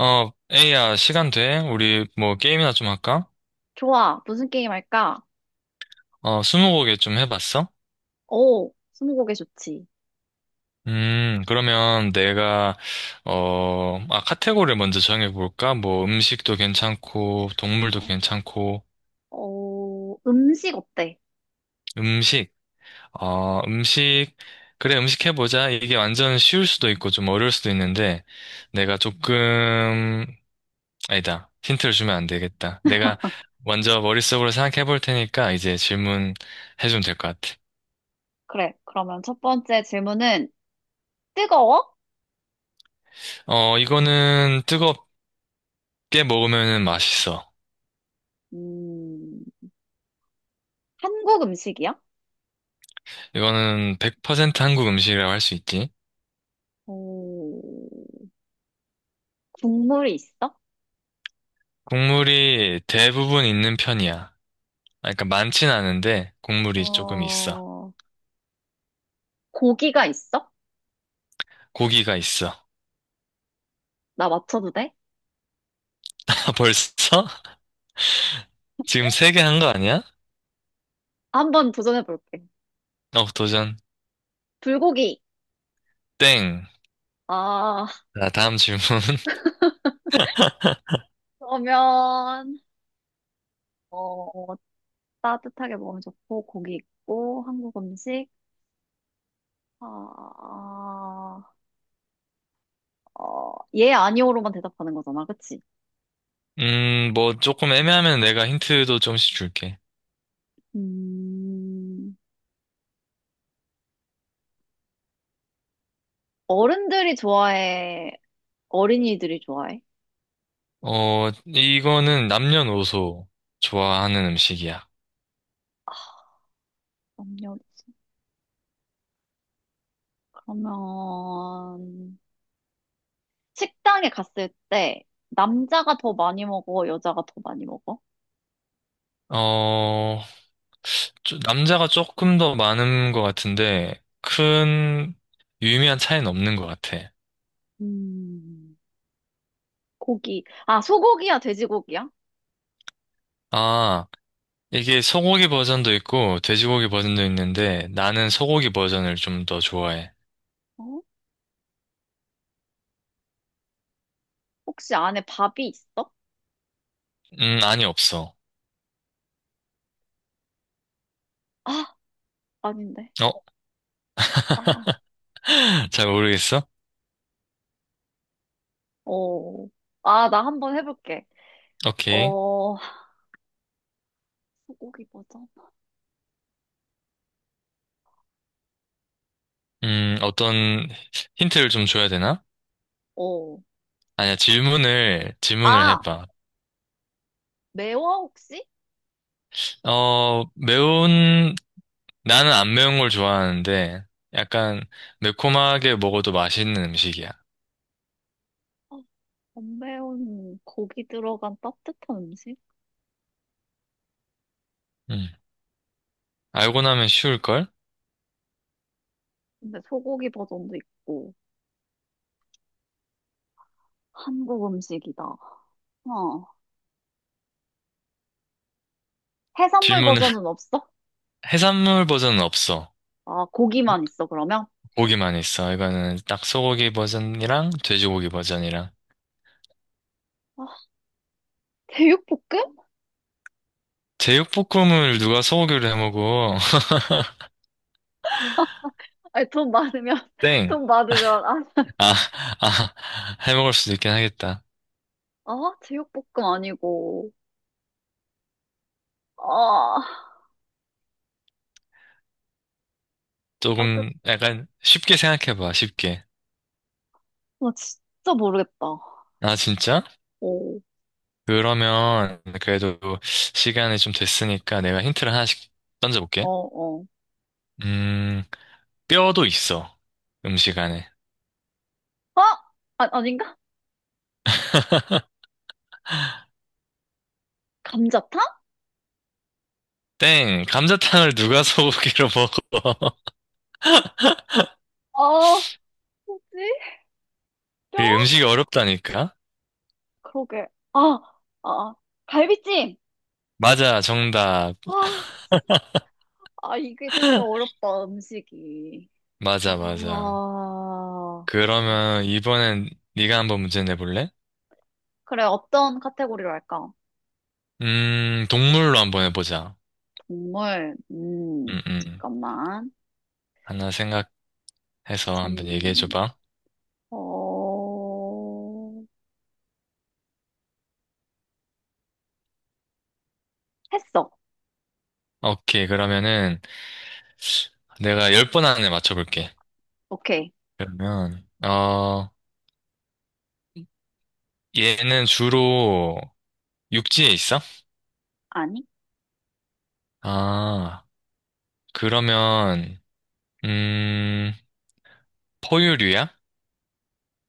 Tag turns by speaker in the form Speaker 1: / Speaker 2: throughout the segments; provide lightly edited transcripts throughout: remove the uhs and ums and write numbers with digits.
Speaker 1: 에이야, 시간 돼? 우리 뭐 게임이나 좀 할까?
Speaker 2: 좋아. 무슨 게임 할까?
Speaker 1: 스무고개 좀 해봤어?
Speaker 2: 오, 스무고개 좋지.
Speaker 1: 그러면 내가, 카테고리를 먼저 정해볼까? 뭐 음식도 괜찮고, 동물도
Speaker 2: 어,
Speaker 1: 괜찮고,
Speaker 2: 음식 어때?
Speaker 1: 음식, 음식, 그래, 음식 해보자. 이게 완전 쉬울 수도 있고 좀 어려울 수도 있는데, 내가 조금, 아니다. 힌트를 주면 안 되겠다. 내가 먼저 머릿속으로 생각해볼 테니까 이제 질문 해주면 될 것 같아.
Speaker 2: 그래. 그러면 첫 번째 질문은 뜨거워?
Speaker 1: 이거는 뜨겁게 먹으면 맛있어.
Speaker 2: 음, 한국 음식이야?
Speaker 1: 이거는 100% 한국 음식이라고 할 수 있지.
Speaker 2: 오, 국물이 있어?
Speaker 1: 국물이 대부분 있는 편이야. 아, 그러니까 많진 않은데 국물이 조금 있어.
Speaker 2: 어, 고기가 있어?
Speaker 1: 고기가 있어.
Speaker 2: 나 맞춰도 돼?
Speaker 1: 아, 벌써? 지금 세 개 한 거 아니야?
Speaker 2: 한번 도전해 볼게.
Speaker 1: 어, 도전.
Speaker 2: 불고기.
Speaker 1: 땡.
Speaker 2: 아,
Speaker 1: 자, 다음 질문.
Speaker 2: 그러면, 어, 따뜻하게 먹으면 좋고 고기 있고 한국 음식. 아, 어, 예, 아니오로만 대답하는 거잖아. 그치?
Speaker 1: 뭐 조금 애매하면 내가 힌트도 좀씩 줄게.
Speaker 2: 음, 어른들이 좋아해? 어린이들이 좋아해?
Speaker 1: 이거는 남녀노소 좋아하는 음식이야.
Speaker 2: 남녀노소. 그러면, 식당에 갔을 때, 남자가 더 많이 먹어? 여자가 더 많이 먹어?
Speaker 1: 어, 남자가 조금 더 많은 것 같은데, 큰, 유의미한 차이는 없는 것 같아.
Speaker 2: 음, 고기. 아, 소고기야? 돼지고기야?
Speaker 1: 아, 이게 소고기 버전도 있고, 돼지고기 버전도 있는데, 나는 소고기 버전을 좀 더 좋아해.
Speaker 2: 어? 혹시 안에 밥이 있어?
Speaker 1: 아니, 없어.
Speaker 2: 아, 아닌데.
Speaker 1: 어?
Speaker 2: 아,
Speaker 1: 잘 모르겠어?
Speaker 2: 어. 아, 나 한번 해볼게.
Speaker 1: 오케이.
Speaker 2: 어, 소고기 버전?
Speaker 1: 어떤 힌트를 좀 줘야 되나?
Speaker 2: 어.
Speaker 1: 아니야, 질문을
Speaker 2: 아!
Speaker 1: 해봐.
Speaker 2: 매워, 혹시?
Speaker 1: 매운, 나는 안 매운 걸 좋아하는데, 약간 매콤하게 먹어도 맛있는 음식이야.
Speaker 2: 어, 안 매운 고기 들어간 따뜻한 음식?
Speaker 1: 음. 알고 나면 쉬울걸?
Speaker 2: 근데 소고기 버전도 있고, 한국 음식이다. 어. 해산물
Speaker 1: 질문을.
Speaker 2: 버전은 없어?
Speaker 1: 해산물 버전은 없어.
Speaker 2: 아, 고기만 있어, 그러면?
Speaker 1: 고기만 있어. 이거는 딱 소고기 버전이랑 돼지고기 버전이랑.
Speaker 2: 아, 제육볶음?
Speaker 1: 제육볶음을 누가 소고기로 해 먹어?
Speaker 2: 아니, 돈 많으면,
Speaker 1: 땡.
Speaker 2: 돈 많으면, 아,
Speaker 1: 아, 아, 해 먹을 수도 있긴 하겠다.
Speaker 2: 아, 제육볶음 아니고, 아, 따뜻,
Speaker 1: 조금 약간 쉽게 생각해봐, 쉽게.
Speaker 2: 나 진짜 모르겠다.
Speaker 1: 아, 진짜?
Speaker 2: 오,
Speaker 1: 그러면 그래도 시간이 좀 됐으니까 내가 힌트를 하나씩
Speaker 2: 어,
Speaker 1: 던져볼게.
Speaker 2: 어.
Speaker 1: 음, 뼈도 있어, 음식 안에.
Speaker 2: 아! 아, 아닌가? 감자탕?
Speaker 1: 땡, 감자탕을 누가 소고기로 먹어?
Speaker 2: 아, 뭐지? 뼈?
Speaker 1: 그게 음식이 어렵다니까?
Speaker 2: 그러게. 아, 아, 아. 갈비찜!
Speaker 1: 맞아, 정답.
Speaker 2: 와, 아, 이게 진짜 어렵다, 음식이. 아,
Speaker 1: 맞아, 맞아.
Speaker 2: 오케이.
Speaker 1: 그러면 이번엔 네가 한번 문제 내볼래?
Speaker 2: 그래, 어떤 카테고리로 할까?
Speaker 1: 동물로 한번 해보자.
Speaker 2: 동물,
Speaker 1: 음, 음.
Speaker 2: 잠깐만.
Speaker 1: 하나 생각해서 한번
Speaker 2: 전,
Speaker 1: 얘기해줘봐.
Speaker 2: 어, 했어.
Speaker 1: 오케이, 그러면은 내가 열 번 안에 맞춰볼게.
Speaker 2: 오케이.
Speaker 1: 그러면, 얘는 주로 육지에 있어?
Speaker 2: 아니?
Speaker 1: 아, 그러면, 음, 포유류야?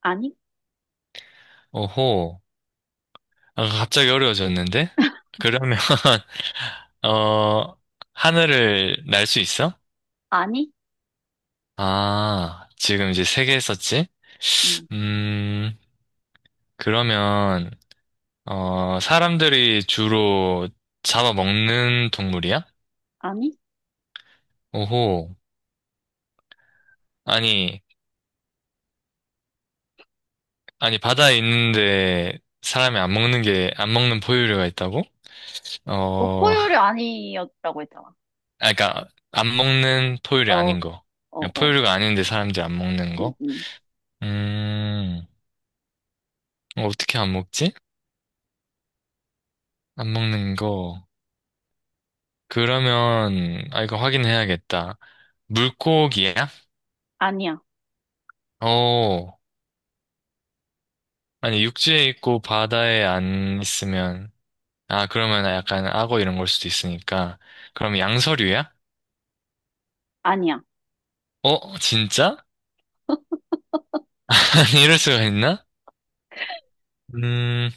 Speaker 2: 아니?
Speaker 1: 오호. 아, 갑자기 어려워졌는데? 그러면, 어, 하늘을 날 수 있어?
Speaker 2: 아니?
Speaker 1: 아, 지금 이제 세 개 했었지?
Speaker 2: 음,
Speaker 1: 음, 그러면, 사람들이 주로 잡아먹는 동물이야?
Speaker 2: 아니?
Speaker 1: 오호. 아니, 아니, 바다에 있는데 사람이 안 먹는 게, 안 먹는 포유류가 있다고?
Speaker 2: 너
Speaker 1: 어,
Speaker 2: 포유류 아니었다고 했잖아.
Speaker 1: 아, 그러니까 안 먹는 포유류
Speaker 2: 어,
Speaker 1: 아닌 거.
Speaker 2: 어,
Speaker 1: 그냥
Speaker 2: 어.
Speaker 1: 포유류가 아닌데 사람들이 안 먹는
Speaker 2: 음,
Speaker 1: 거.
Speaker 2: 음.
Speaker 1: 음, 어떻게 안 먹지? 안 먹는 거. 그러면, 아, 이거 확인해야겠다. 물고기야?
Speaker 2: 아니야.
Speaker 1: 어, 아니, 육지에 있고 바다에 안 있으면, 아, 그러면 약간 악어 이런 걸 수도 있으니까. 그럼 양서류야?
Speaker 2: 아니야.
Speaker 1: 어, 진짜? 아니, 이럴 수가 있나? 음,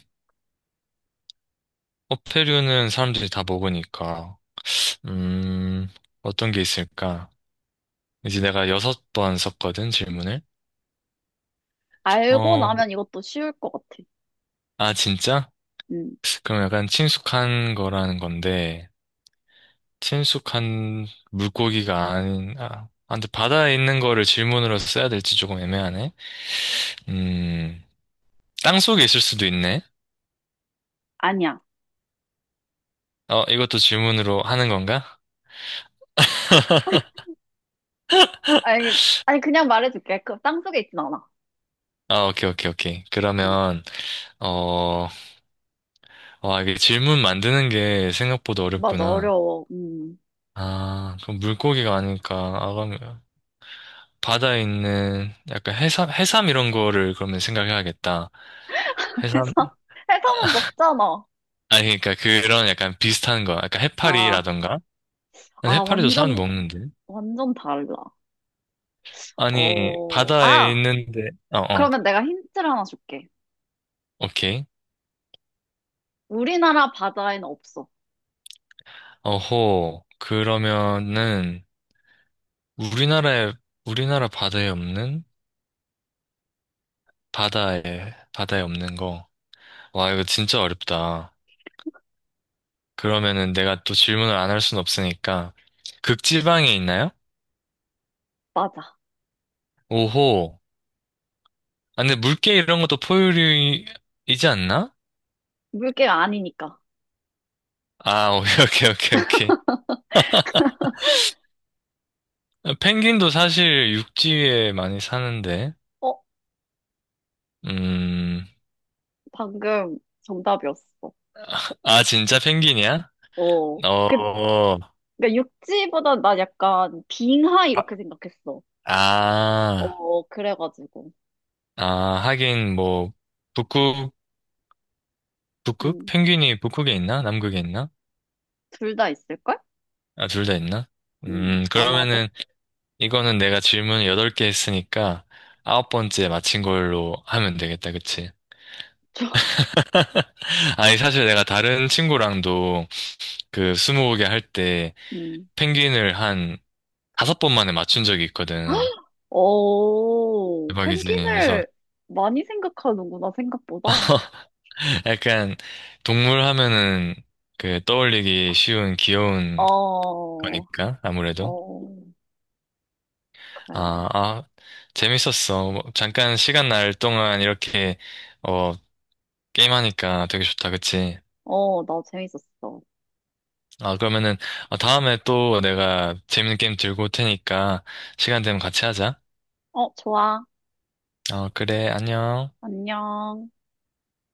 Speaker 1: 어패류는 사람들이 다 먹으니까. 음, 어떤 게 있을까? 이제 내가 여섯 번 썼거든, 질문을.
Speaker 2: 알고
Speaker 1: 어,
Speaker 2: 나면 이것도 쉬울 것 같아.
Speaker 1: 아, 진짜?
Speaker 2: 음.
Speaker 1: 그럼 약간 친숙한 거라는 건데, 친숙한 물고기가 아닌, 근데 바다에 있는 거를 질문으로 써야 될지 조금 애매하네. 음, 땅속에 있을 수도 있네.
Speaker 2: 아니야.
Speaker 1: 어, 이것도 질문으로 하는 건가?
Speaker 2: 아니, 아니, 그냥 말해줄게. 그 땅속에 있진 않아.
Speaker 1: 아, 오케이, 오케이, 오케이.
Speaker 2: 응,
Speaker 1: 그러면, 어, 와, 이게 질문 만드는 게 생각보다
Speaker 2: 맞아,
Speaker 1: 어렵구나.
Speaker 2: 어려워. 음.
Speaker 1: 아, 그럼 물고기가 아닐까. 아, 그럼 바다에 있는 약간 해삼 이런 거를 그러면 생각해야겠다. 해삼,
Speaker 2: 해삼, 해삼은 먹잖아.
Speaker 1: 아니, 그러니까 그런 약간 비슷한 거, 약간
Speaker 2: 아,
Speaker 1: 해파리라던가? 아니,
Speaker 2: 아,
Speaker 1: 해파리도 사람 먹는데?
Speaker 2: 완전 달라.
Speaker 1: 아니,
Speaker 2: 어,
Speaker 1: 바다에
Speaker 2: 아,
Speaker 1: 있는데, 어, 어,
Speaker 2: 그러면 내가 힌트를 하나 줄게.
Speaker 1: 오케이.
Speaker 2: 우리나라 바다에는 없어.
Speaker 1: 어호, 그러면은, 우리나라에, 우리나라 바다에 없는? 바다에, 바다에 없는 거. 와, 이거 진짜 어렵다. 그러면은 내가 또 질문을 안 할 순 없으니까, 극지방에 있나요?
Speaker 2: 맞아.
Speaker 1: 오호. 아, 근데 물개 이런 것도 포유류이지 않나?
Speaker 2: 물개가 아니니까.
Speaker 1: 아, 오케이, 오케이, 오케이, 오케이. 아, 펭귄도 사실 육지에 많이 사는데.
Speaker 2: 어,
Speaker 1: 음,
Speaker 2: 방금 정답이었어.
Speaker 1: 아, 진짜 펭귄이야?
Speaker 2: 어,
Speaker 1: 어,
Speaker 2: 그, 그러니까 육지보다 나 약간 빙하 이렇게
Speaker 1: 바-
Speaker 2: 생각했어.
Speaker 1: 아,
Speaker 2: 어, 그래가지고.
Speaker 1: 아, 하긴 뭐, 북극, 북극?
Speaker 2: 음,
Speaker 1: 펭귄이 북극에 있나? 남극에 있나?
Speaker 2: 둘 다 있을걸?
Speaker 1: 아, 둘 다 있나?
Speaker 2: 아마도.
Speaker 1: 그러면은, 이거는 내가 질문 8개 했으니까, 아홉 번째 맞힌 걸로 하면 되겠다, 그치?
Speaker 2: 저,
Speaker 1: 아니, 사실 내가 다른 친구랑도 그 스무고개 할 때
Speaker 2: 음.
Speaker 1: 펭귄을 한 다섯 번 만에 맞춘 적이 있거든.
Speaker 2: 어
Speaker 1: 대박이지. 그래서
Speaker 2: 펭귄을 많이 생각하는구나, 생각보다.
Speaker 1: 약간 동물 하면은 그 떠올리기 쉬운 귀여운
Speaker 2: 어,
Speaker 1: 거니까 아무래도
Speaker 2: 어,
Speaker 1: 아,
Speaker 2: 그래.
Speaker 1: 아 재밌었어. 뭐 잠깐 시간 날 동안 이렇게 어 게임하니까 되게 좋다, 그치?
Speaker 2: 어, 나 재밌었어.
Speaker 1: 아 그러면은 어, 다음에 또 내가 재밌는 게임 들고 올 테니까 시간 되면 같이 하자.
Speaker 2: 어, 좋아.
Speaker 1: 어 그래, 안녕.
Speaker 2: 안녕.